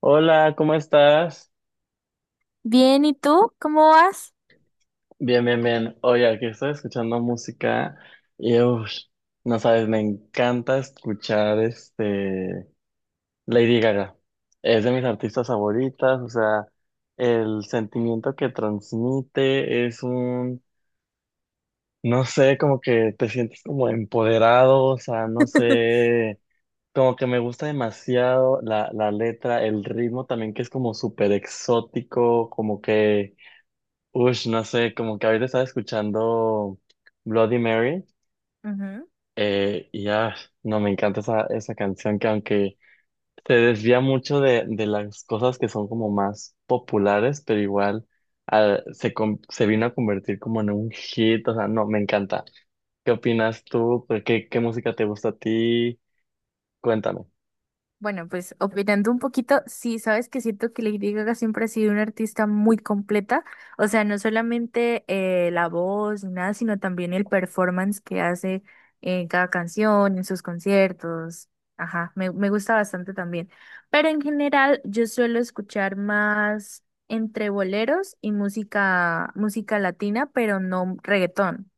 Hola, ¿cómo estás? Bien, ¿y tú? ¿Cómo vas? Bien, bien, bien. Oye, aquí estoy escuchando música y uff, no sabes, me encanta escuchar este Lady Gaga. Es de mis artistas favoritas, o sea, el sentimiento que transmite es un, no sé, como que te sientes como empoderado, o sea, no sé, como que me gusta demasiado la letra, el ritmo también que es como súper exótico, como que ush, no sé, como que ahorita estaba escuchando Bloody Mary. Ujú. Y ya, no, me encanta esa canción que aunque se desvía mucho de las cosas que son como más populares, pero igual se vino a convertir como en un hit, o sea, no, me encanta. ¿Qué opinas tú? ¿ Qué música te gusta a ti? Cuéntame. Bueno, pues opinando un poquito, sí, sabes que siento que Lady Gaga siempre ha sido una artista muy completa, o sea, no solamente la voz ni nada, sino también el performance que hace en cada canción, en sus conciertos. Ajá, me gusta bastante también. Pero en general, yo suelo escuchar más entre boleros y música, música latina, pero no reggaetón.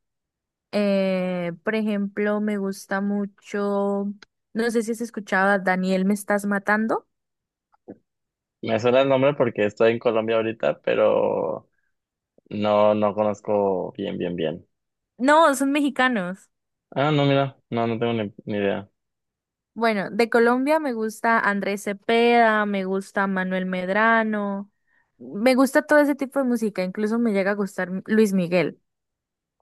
Por ejemplo, me gusta mucho, no sé si has escuchado a Daniel Me Estás Matando. Me suena el nombre porque estoy en Colombia ahorita, pero no, no conozco bien, bien, bien. No, son mexicanos. Ah, no, mira, no, no tengo ni idea. Bueno, de Colombia me gusta Andrés Cepeda, me gusta Manuel Medrano, me gusta todo ese tipo de música, incluso me llega a gustar Luis Miguel.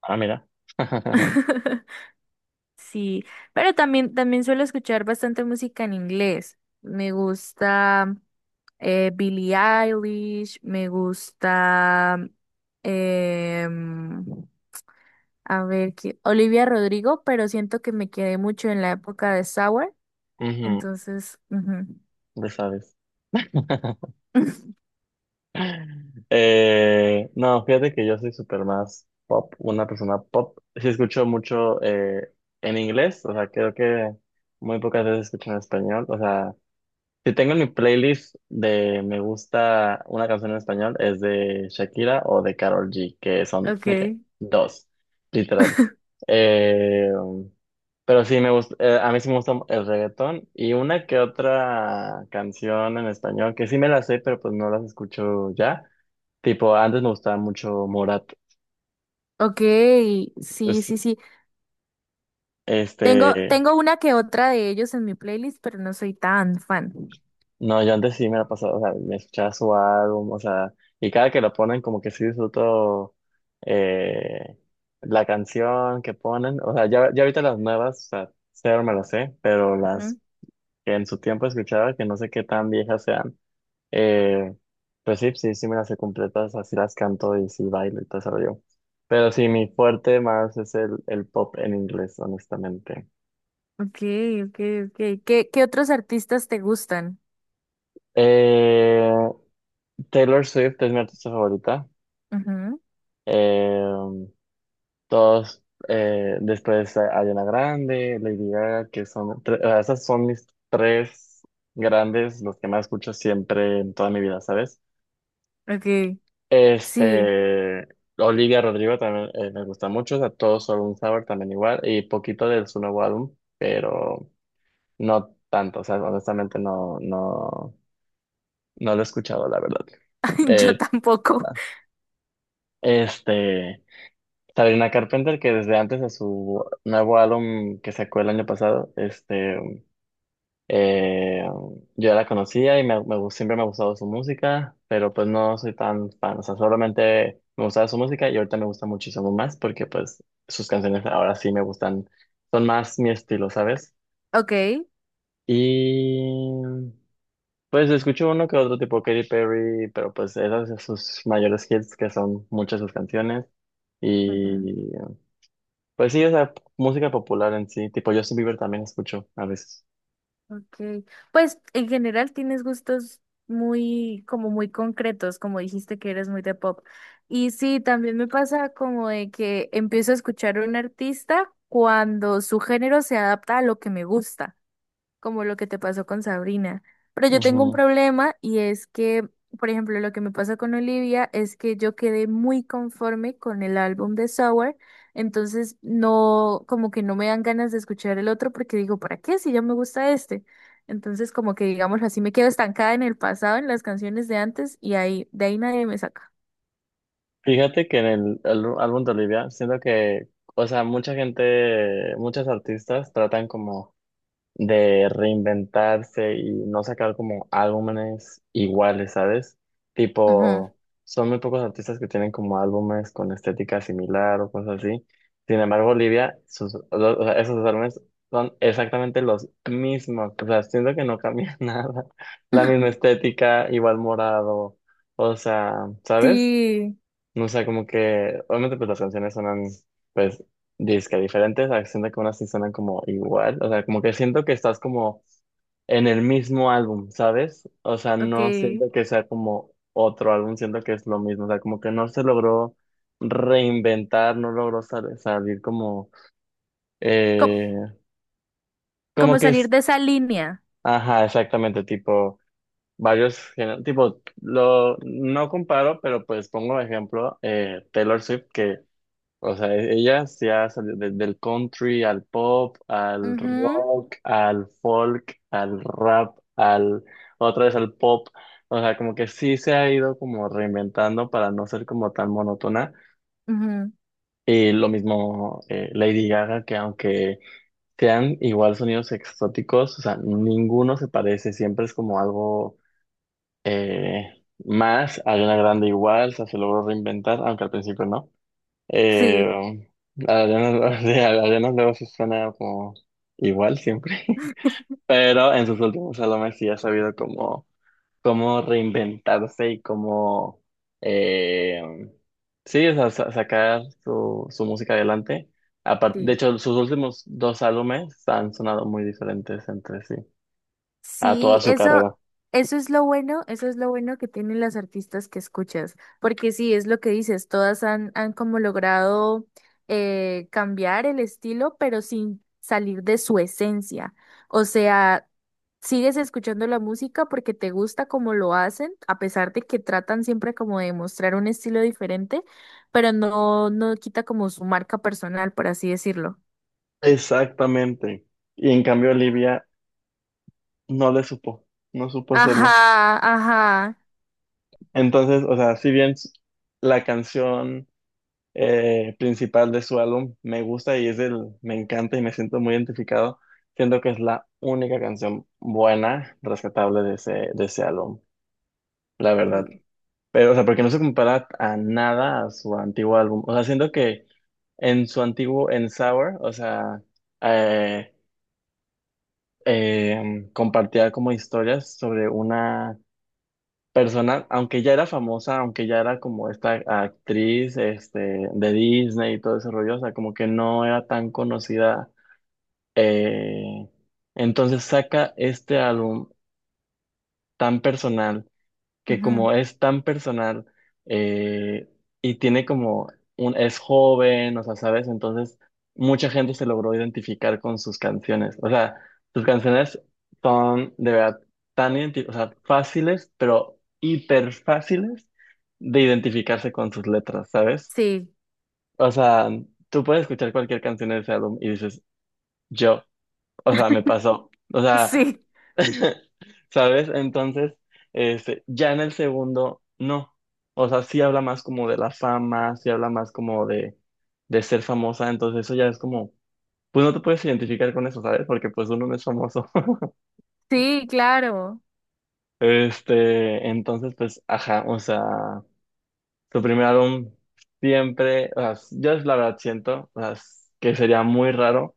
Ah, mira. Sí, pero también suelo escuchar bastante música en inglés. Me gusta Billie Eilish, me gusta, em, a ver, ¿qué? Olivia Rodrigo, pero siento que me quedé mucho en la época de Sour, Ujú, entonces, ujú. ya sabes. No, fíjate que yo soy súper más pop, una persona pop. Sí escucho mucho en inglés, o sea, creo que muy pocas veces escucho en español. O sea, si tengo en mi playlist de me gusta una canción en español, es de Shakira o de Karol G, que son de qué? Okay. Dos, literal. Eh, Pero sí, me gusta, a mí sí me gusta el reggaetón y una que otra canción en español, que sí me las sé, pero pues no las escucho ya. Tipo, antes me gustaba mucho Morat. Okay, sí, Es- sí, sí. Tengo, este, tengo una que otra de ellos en mi playlist, pero no soy tan fan. no, yo antes sí me la pasaba, o sea, me escuchaba su álbum, o sea, y cada que lo ponen como que sí disfruto eh, la canción que ponen. O sea, ya, ya ahorita las nuevas, o sea, cero me las sé, pero Ujú. las que en su tiempo escuchaba, que no sé qué tan viejas sean. Eh, pues sí, sí, sí me las sé completas, así las canto y sí bailo y todo eso yo. Pero sí, mi fuerte más es el pop en inglés, honestamente. Okay, okay, okay. ¿Qué otros artistas te gustan? Eh, Taylor Swift es mi artista favorita. Ujú, Eh, Ariana Grande, Lady Gaga, que o sea, esas son mis tres grandes, los que más escucho siempre en toda mi vida, ¿sabes? ok, sí, Este, Olivia Rodrigo también me gusta mucho, o sea, todo sobre un sabor también igual, y poquito de su nuevo álbum, pero no tanto, o sea, honestamente no lo he escuchado, la verdad. yo Eh, tampoco. este, Sabrina Carpenter, que desde antes de su nuevo álbum que sacó el año pasado, Eh, yo la conocía y siempre me ha gustado su música, pero pues no soy tan fan, o sea, solamente me gustaba su música y ahorita me gusta muchísimo más porque pues sus canciones ahora sí me gustan, son más mi estilo, ¿sabes? Ok, Y pues escucho uno que otro tipo Katy Perry, pero pues esas son sus mayores hits que son muchas sus canciones ujú, y pues sí, o sea, música popular en sí, tipo Justin Bieber también escucho a veces. ok. Pues en general tienes gustos muy, como muy concretos, como dijiste que eres muy de pop. Y sí, también me pasa como de que empiezo a escuchar a un artista cuando su género se adapta a lo que me gusta, como lo que te pasó con Sabrina. Pero yo tengo un problema y es que, por ejemplo, lo que me pasa con Olivia es que yo quedé muy conforme con el álbum de Sour, entonces no, como que no me dan ganas de escuchar el otro porque digo, ¿para qué si ya me gusta este? Entonces, como que digamos así, me quedo estancada en el pasado, en las canciones de antes y ahí, de ahí nadie me saca. Fíjate que en álbum de Olivia, siento que, o sea, mucha gente, muchos artistas tratan como de reinventarse y no sacar como álbumes iguales, ¿sabes? Ujú. Tipo, son muy pocos artistas que tienen como álbumes con estética similar o cosas así. Sin embargo, Olivia, o sea, esos álbumes son exactamente los mismos. O sea, siento que no cambia nada. La misma estética, igual morado, o sea, ¿sabes? Sí, O sea, como que, obviamente, pues las canciones sonan, pues, disque diferentes, a veces siento que unas sí suenan como igual, o sea, como que siento que estás como en el mismo álbum, ¿sabes? O sea, ok. no siento que sea como otro álbum, siento que es lo mismo, o sea, como que no se logró reinventar, no logró salir como, Co- eh, como Como que salir es, de esa línea. ajá, exactamente, tipo, varios, géner- tipo, lo, no comparo, pero pues pongo de ejemplo, Taylor Swift, que o sea, ella se ha salido del country al pop, al Ujú. rock, al folk, al rap, al otra vez al pop. O sea, como que sí se ha ido como reinventando para no ser como tan monótona. Ujú, Y lo mismo Lady Gaga, que aunque sean igual sonidos exóticos, o sea, ninguno se parece, siempre es como algo más. Ariana Grande igual, o sea, se logró reinventar, aunque al principio no. Eh, sí, Adriana, de Adriana luego sí suena como igual siempre, pero en sus últimos álbumes sí ha sabido cómo, cómo reinventarse y cómo, eh, sí, o sea, sacar su música adelante. De sí. hecho, sus últimos dos álbumes han sonado muy diferentes entre sí, a toda Sí, su eso, carrera. eso es lo bueno, eso es lo bueno que tienen las artistas que escuchas, porque sí, es lo que dices, todas han como logrado cambiar el estilo, pero sin salir de su esencia. O sea, sigues escuchando la música porque te gusta como lo hacen, a pesar de que tratan siempre como de mostrar un estilo diferente, pero no, no quita como su marca personal, por así decirlo. Exactamente. Y en cambio, Olivia no le supo, no supo hacerlo. Ajá, ajá. Entonces, o sea, si bien la canción principal de su álbum me gusta y es el, me encanta y me siento muy identificado, siento que es la única canción buena, rescatable de de ese álbum, la verdad. Pero, o sea, porque no se compara a nada a su antiguo álbum. O sea, siento que en su antiguo, en Sour, o sea, eh, compartía como historias sobre una persona, aunque ya era famosa, aunque ya era como esta actriz este, de Disney y todo ese rollo, o sea, como que no era tan conocida. eh, entonces saca este álbum tan personal que Ujú, como es tan personal eh, y tiene como un, es joven, o sea, ¿sabes? Entonces mucha gente se logró identificar con sus canciones. O sea, sus canciones son de verdad o sea, fáciles, pero hiper fáciles de identificarse con sus letras, ¿sabes? sí, O sea, tú puedes escuchar cualquier canción de ese álbum y dices, yo. O sea, me pasó. O sea, sí. ¿sabes? Entonces, ya en el segundo, no. O sea, sí habla más como de la fama, sí habla más como de ser famosa. Entonces, eso ya es como, pues no te puedes identificar con eso, ¿sabes? Porque pues uno no es famoso. Sí, claro, Entonces, pues, ajá, o sea, su primer álbum siempre, o sea, yo la verdad siento, o sea, que sería muy raro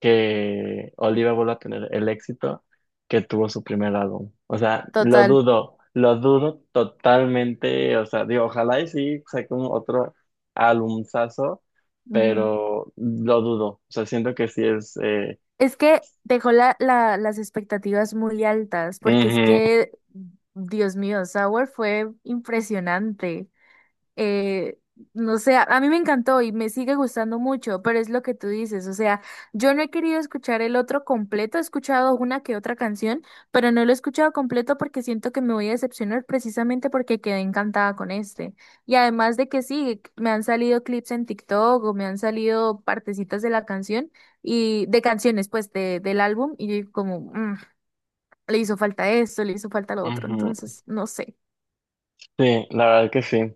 que Oliva vuelva a tener el éxito que tuvo su primer álbum. O sea, total. Lo dudo totalmente. O sea, digo, ojalá y sí saque un otro álbumazo, Ujú. pero lo dudo. O sea, siento que sí es. Es que dejó las expectativas muy altas, porque es Ujú, que, Dios mío, Sour fue impresionante. eh, no sé, a mí me encantó y me sigue gustando mucho, pero es lo que tú dices, o sea, yo no he querido escuchar el otro completo, he escuchado una que otra canción, pero no lo he escuchado completo porque siento que me voy a decepcionar precisamente porque quedé encantada con este. Y además de que sí, me han salido clips en TikTok o me han salido partecitas de la canción y de canciones, pues, del álbum y yo digo como, "Mm, le hizo falta esto, le hizo falta lo otro, ujú. entonces, no sé." Sí, la verdad que sí.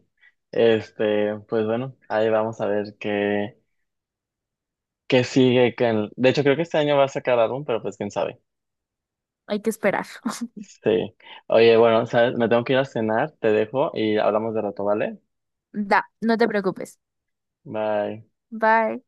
Pues bueno, ahí vamos a ver qué, qué sigue. Que de hecho, creo que este año va a sacar álbum, pero pues quién sabe. Hay que esperar. Sí. Oye, bueno, ¿sabes? Me tengo que ir a cenar, te dejo y hablamos de rato, ¿vale? Da, no te preocupes. Bye. Bye.